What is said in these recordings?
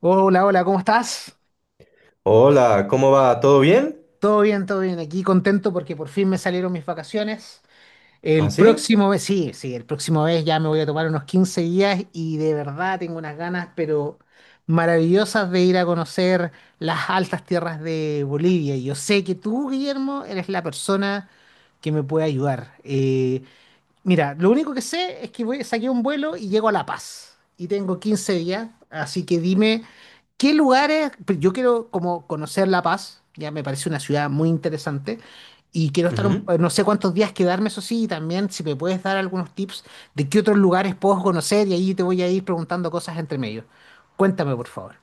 Hola, hola, ¿cómo estás? Hola, ¿cómo va? ¿Todo bien? Todo bien, todo bien. Aquí contento porque por fin me salieron mis vacaciones. El ¿Así? próximo mes, sí, sí, el próximo mes ya me voy a tomar unos 15 días y de verdad tengo unas ganas, pero maravillosas de ir a conocer las altas tierras de Bolivia. Y yo sé que tú, Guillermo, eres la persona que me puede ayudar. Mira, lo único que sé es que voy, saqué un vuelo y llego a La Paz. Y tengo 15 días, así que dime, ¿qué lugares? Pues yo quiero como conocer La Paz, ya me parece una ciudad muy interesante. Y quiero estar, no sé cuántos días quedarme, eso sí, y también si me puedes dar algunos tips de qué otros lugares puedo conocer y ahí te voy a ir preguntando cosas entre medio. Cuéntame, por favor.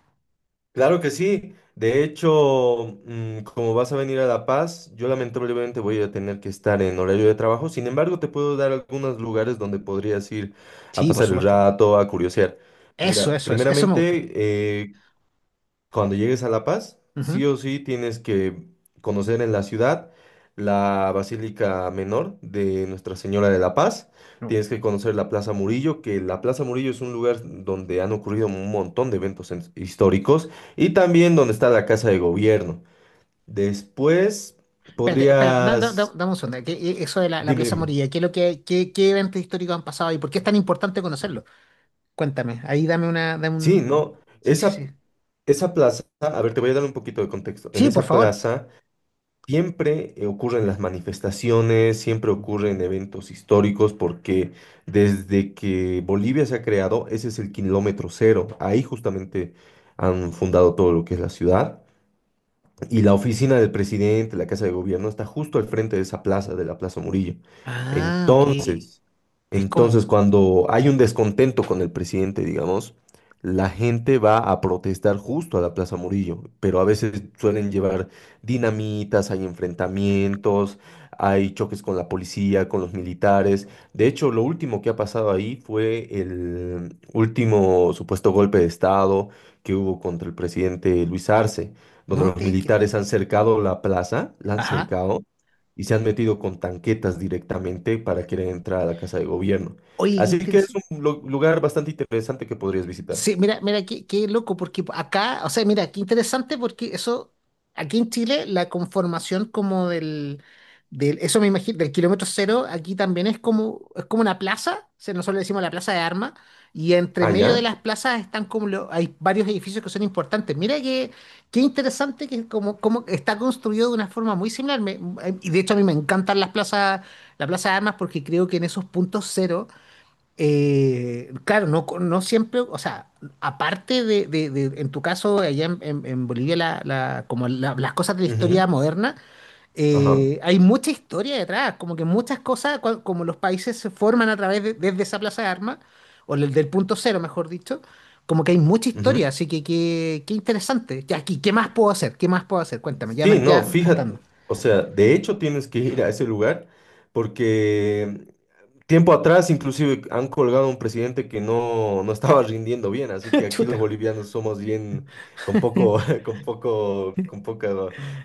Claro que sí. De hecho, como vas a venir a La Paz, yo lamentablemente voy a tener que estar en horario de trabajo. Sin embargo, te puedo dar algunos lugares donde podrías ir a Sí, por pasar el supuesto. rato, a curiosear. Eso, Mira, eso, eso, eso me gusta. primeramente, cuando llegues a La Paz, sí o sí tienes que conocer en la ciudad la Basílica Menor de Nuestra Señora de la Paz. Ujú. Tienes que conocer la Plaza Murillo, que la Plaza Murillo es un lugar donde han ocurrido un montón de eventos históricos y también donde está la Casa de Gobierno. Después Espérate, espérate, podrías. dame un segundo. ¿ eso de la Dime, Plaza dime. Morilla, ¿qué es lo que, qué, qué eventos históricos han pasado y por qué es tan importante conocerlo? Cuéntame, ahí dame una, dame Sí, un... no, Sí, sí, esa, sí. esa plaza, a ver, te voy a dar un poquito de contexto. En Sí, por esa favor. plaza... Siempre ocurren las manifestaciones, siempre ocurren Ujú. eventos históricos, porque desde que Bolivia se ha creado, ese es el kilómetro cero. Ahí justamente han fundado todo lo que es la ciudad. Y la oficina del presidente, la casa de gobierno, está justo al frente de esa plaza, de la Plaza Murillo. Ah, ok. Entonces, Es como... entonces cuando hay un descontento con el presidente, digamos, la gente va a protestar justo a la Plaza Murillo, pero a veces suelen llevar dinamitas, hay enfrentamientos, hay choques con la policía, con los militares. De hecho, lo último que ha pasado ahí fue el último supuesto golpe de Estado que hubo contra el presidente Luis Arce, donde No los te creo. militares han cercado la plaza, la han Ajá. cercado y se han metido con tanquetas directamente para querer entrar a la casa de gobierno. Oye, qué Así que es interesante. un lugar bastante interesante que podrías visitar. Sí, mira, mira, qué, qué loco, porque acá, o sea, mira, qué interesante, porque eso, aquí en Chile, la conformación como del, del, eso me imagino, del kilómetro cero, aquí también es como una plaza, o sea, nosotros le decimos la plaza de armas, y entre Ah, medio de ya. las plazas están como, hay varios edificios que son importantes. Mira que, qué interesante que es como, como está construido de una forma muy similar, y de hecho a mí me encantan las plazas, la plaza de armas, porque creo que en esos puntos cero claro, no, no siempre, o sea, aparte de, en tu caso, allá en, en Bolivia, la, como las cosas de la Ujú. historia moderna, Ajá. Hay mucha historia detrás, como que muchas cosas, como los países se forman a través de, desde esa plaza de armas, o del, del punto cero, mejor dicho, como que hay mucha historia, Ujú. así que qué, qué interesante. Ya, aquí, ¿qué más puedo hacer? ¿Qué más puedo hacer? Cuéntame, Sí, no, ya me está gustando. fíjate, o sea, de hecho tienes que ir a ese lugar porque tiempo atrás inclusive han colgado a un presidente que no, no estaba rindiendo bien, así que aquí los Chuta. bolivianos somos bien con con poco, con poca,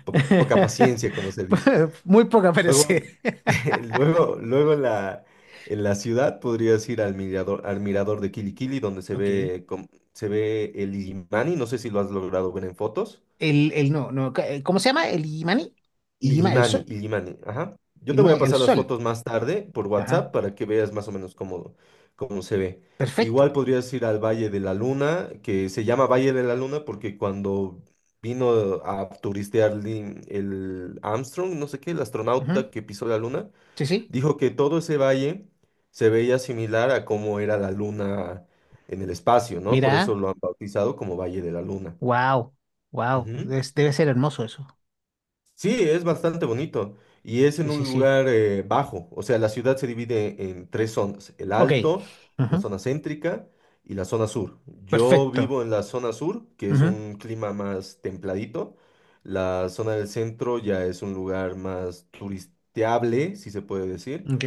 poca paciencia, como se dice. Muy poca Luego, parece. luego en la ciudad podrías ir al mirador de Quiliquili, donde se Ok. ve, se ve el Illimani, no sé si lo has logrado ver en fotos. El no, no, ¿cómo se llama? El Illimani. Illima, el Illimani, sol. Illimani, ajá. Yo te voy a Illimani, el pasar las sol. fotos más tarde por Ajá. WhatsApp para que veas más o menos cómo, cómo se ve. Perfecto. Igual podrías ir al Valle de la Luna, que se llama Valle de la Luna porque cuando vino a turistear el Armstrong, no sé qué, el Ujú. astronauta que pisó la Luna, Sí, sí. dijo que todo ese valle se veía similar a cómo era la Luna en el espacio, ¿no? Por eso Mira, lo han bautizado como Valle de la Luna. wow, wow. Ujú. Debe ser hermoso eso. Sí, es bastante bonito y es en Sí, un sí, sí. lugar bajo, o sea, la ciudad se divide en tres zonas, el Ok. alto, la Ujú. zona céntrica y la zona sur. Yo Perfecto. vivo en la zona sur, que es Ujú. un clima más templadito, la zona del centro ya es un lugar más turisteable, si se puede decir, Ok.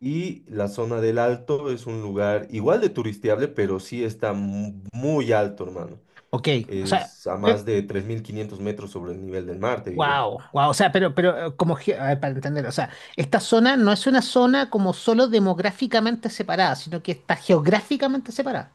y la zona del alto es un lugar igual de turisteable, pero sí está muy alto, hermano. Ok. O sea, Es a más de 3.500 metros sobre el nivel del mar, te diré. wow, wow. O sea, pero, pero como, a ver, para entender, o sea, esta zona no es una zona como solo demográficamente separada, sino que está geográficamente separada.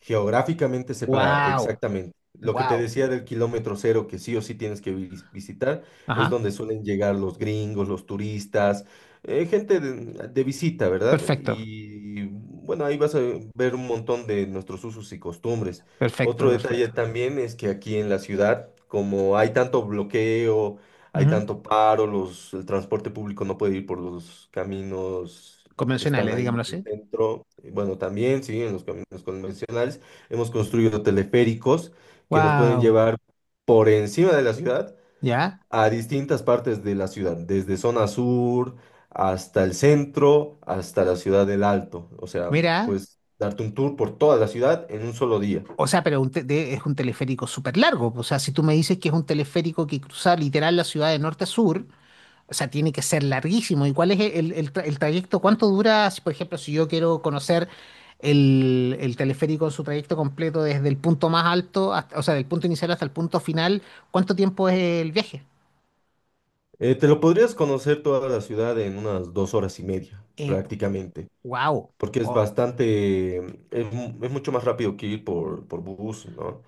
Geográficamente separada, Wow, exactamente. Lo que te wow. decía del kilómetro cero, que sí o sí tienes que visitar, es Ajá. donde suelen llegar los gringos, los turistas, gente de visita, ¿verdad? Perfecto. Y bueno, ahí vas a ver un montón de nuestros usos y costumbres. Otro Perfecto, detalle perfecto. también es que aquí en la ciudad, como hay tanto bloqueo, hay Ujú. tanto paro, los, el transporte público no puede ir por los caminos que están Convencionales, ahí digámoslo en el así. centro. Y bueno, también, sí, en los caminos convencionales hemos construido teleféricos que nos pueden Wow, llevar por encima de la ciudad ya. a distintas partes de la ciudad, desde zona sur hasta el centro, hasta la ciudad del Alto. O sea, Mira, pues darte un tour por toda la ciudad en un solo día. o sea, pero es un teleférico súper largo. O sea, si tú me dices que es un teleférico que cruza literal la ciudad de norte a sur, o sea, tiene que ser larguísimo. ¿Y cuál es el, el el trayecto? ¿Cuánto dura, si, por ejemplo, si yo quiero conocer el teleférico en su trayecto completo desde el punto más alto, hasta- o sea, del punto inicial hasta el punto final? ¿Cuánto tiempo es el viaje? Te lo podrías conocer toda la ciudad en unas 2 horas y media, Eh, prácticamente. wow. Porque es Oh, bastante, es mucho más rápido que ir por bus, ¿no?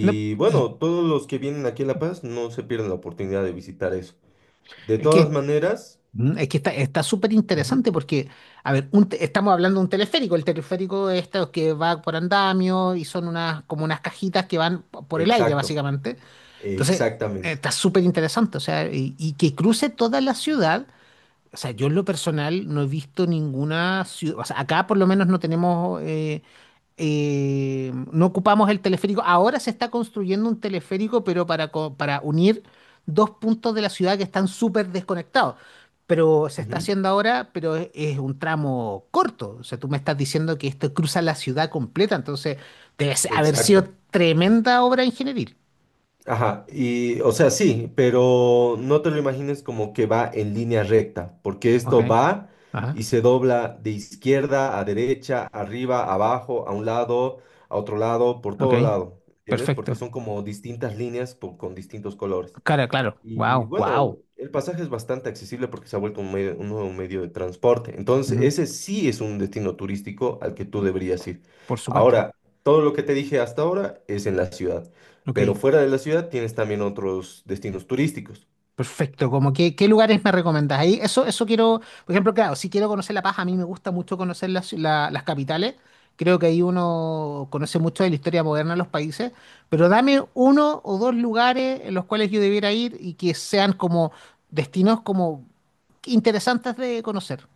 no, y bueno, todos los que vienen aquí a La Paz no se pierden la oportunidad de visitar eso. De es todas que maneras. Es que está, está súper Ujú. interesante porque, a ver, estamos hablando de un teleférico. El teleférico es este que va por andamio y son unas, como unas cajitas que van por el aire, Exacto, básicamente. Entonces, exactamente. está súper interesante. O sea, y que cruce toda la ciudad. O sea, yo en lo personal no he visto ninguna ciudad. O sea, acá por lo menos no tenemos. No ocupamos el teleférico. Ahora se está construyendo un teleférico, pero para, para unir dos puntos de la ciudad que están súper desconectados. Pero se está Ujú. haciendo ahora, pero es un tramo corto. O sea, tú me estás diciendo que esto cruza la ciudad completa, entonces debe haber sido Exacto. tremenda obra ingeniería. Ajá, y o sea, sí, pero no te lo imagines como que va en línea recta, porque Ok, esto va y ajá, se dobla de izquierda a derecha, arriba, abajo, a un lado, a otro lado, por ok, todo lado, ¿entiendes? Porque perfecto. son como distintas líneas con distintos colores. Cara, claro, Y wow, bueno, wow. el pasaje es bastante accesible porque se ha vuelto un medio, un nuevo medio de transporte. Entonces, ese sí es un destino turístico al que tú deberías ir. Por supuesto. Ahora, todo lo que te dije hasta ahora es en la ciudad, Ok. pero fuera de la ciudad tienes también otros destinos turísticos. Perfecto, como que, ¿qué lugares me recomendás? Ahí, eso quiero, por ejemplo, claro, si quiero conocer La Paz, a mí me gusta mucho conocer las, las capitales, creo que ahí uno conoce mucho de la historia moderna de los países, pero dame uno o dos lugares en los cuales yo debiera ir y que sean como destinos como interesantes de conocer.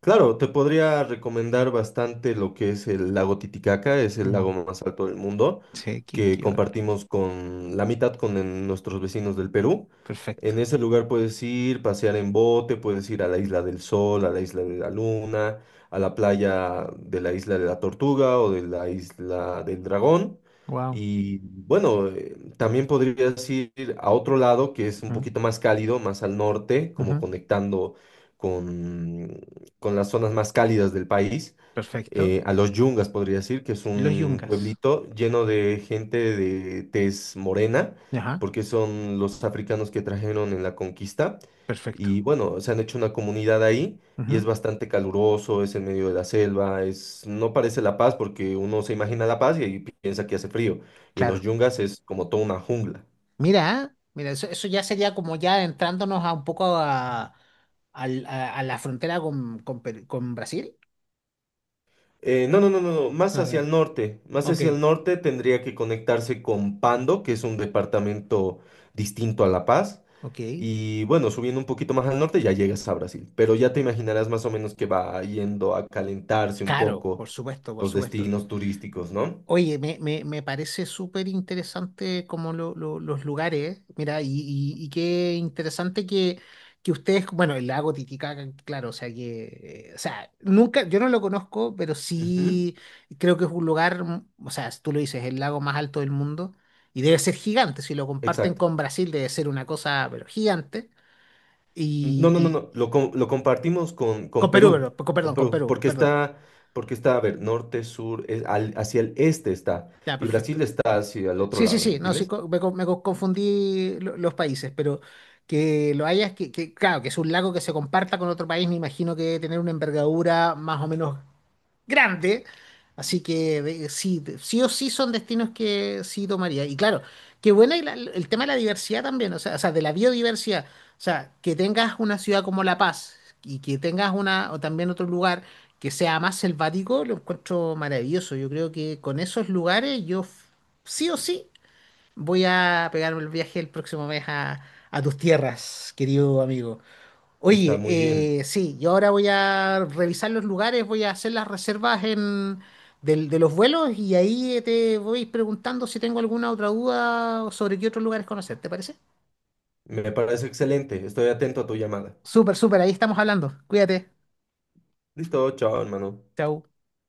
Claro, te podría recomendar bastante lo que es el lago Titicaca, es el lago Mm, más alto del mundo, sí, qué, que compartimos con la mitad con nuestros vecinos del Perú. En perfecto, ese lugar puedes ir, pasear en bote, puedes ir a la Isla del Sol, a la Isla de la Luna, a la playa de la Isla de la Tortuga o de la Isla del Dragón. wow, Y bueno, también podrías ir a otro lado que es un poquito más cálido, más al norte, como conectando con con las zonas más cálidas del país, perfecto, a los Yungas podría decir, que es Los un Yungas, pueblito lleno de gente de tez morena, ajá, porque son los africanos que trajeron en la conquista. perfecto, Y bueno, se han hecho una comunidad ahí y es ujú, bastante caluroso, es en medio de la selva, no parece La Paz porque uno se imagina La Paz y ahí piensa que hace frío. Y en los claro. Yungas es como toda una jungla. Mira, mira, eso ya sería como ya entrándonos a un poco a, a la frontera con, con Brasil. No, no, no, no, no, más hacia Ah, el norte. Más ok, hacia el norte tendría que conectarse con Pando, que es un departamento distinto a La Paz. ok. Y bueno, subiendo un poquito más al norte ya llegas a Brasil. Pero ya te imaginarás más o menos que va yendo a calentarse un Claro, poco por supuesto, por los supuesto. destinos turísticos, ¿no? Oye, me parece súper interesante como los lugares, mira, y, y qué interesante que ustedes, bueno, el lago Titicaca, claro, o sea que, o sea, nunca, yo no lo conozco, pero Ujú. sí creo que es un lugar, mm, o sea, si tú lo dices, el lago más alto del mundo, y debe ser gigante, si lo comparten Exacto. con Brasil debe ser una cosa, pero gigante, No, no, no, y, no. y Lo, lo compartimos con con Perú, Perú. Con perdón, con Perú. Perú, perdón, Porque está, a ver, norte, sur, es hacia el este está. ya, Y Brasil perfecto. está hacia el otro Sí, sí, lado, sí, no, sí, ¿entiendes? Me confundí los países, pero que lo hayas, que, claro, que es un lago que se comparta con otro país, me imagino que debe tener una envergadura más o menos grande, así que sí, sí o sí son destinos que sí tomaría. Y claro, qué buena y el tema de la diversidad también, o sea, de la biodiversidad, o sea, que tengas una ciudad como La Paz y que tengas una, o también otro lugar que sea más selvático, lo encuentro maravilloso. Yo creo que con esos lugares sí o sí. Voy a pegarme el viaje el próximo mes a tus tierras, querido amigo. Está Oye, muy bien. Sí, yo ahora voy a revisar los lugares, voy a hacer las reservas en, de los vuelos y ahí te voy preguntando si tengo alguna otra duda sobre qué otros lugares conocer, ¿te parece? Me parece excelente. Estoy atento a tu llamada. Súper, súper, ahí estamos hablando. Cuídate. Listo, chao, hermano. Chau.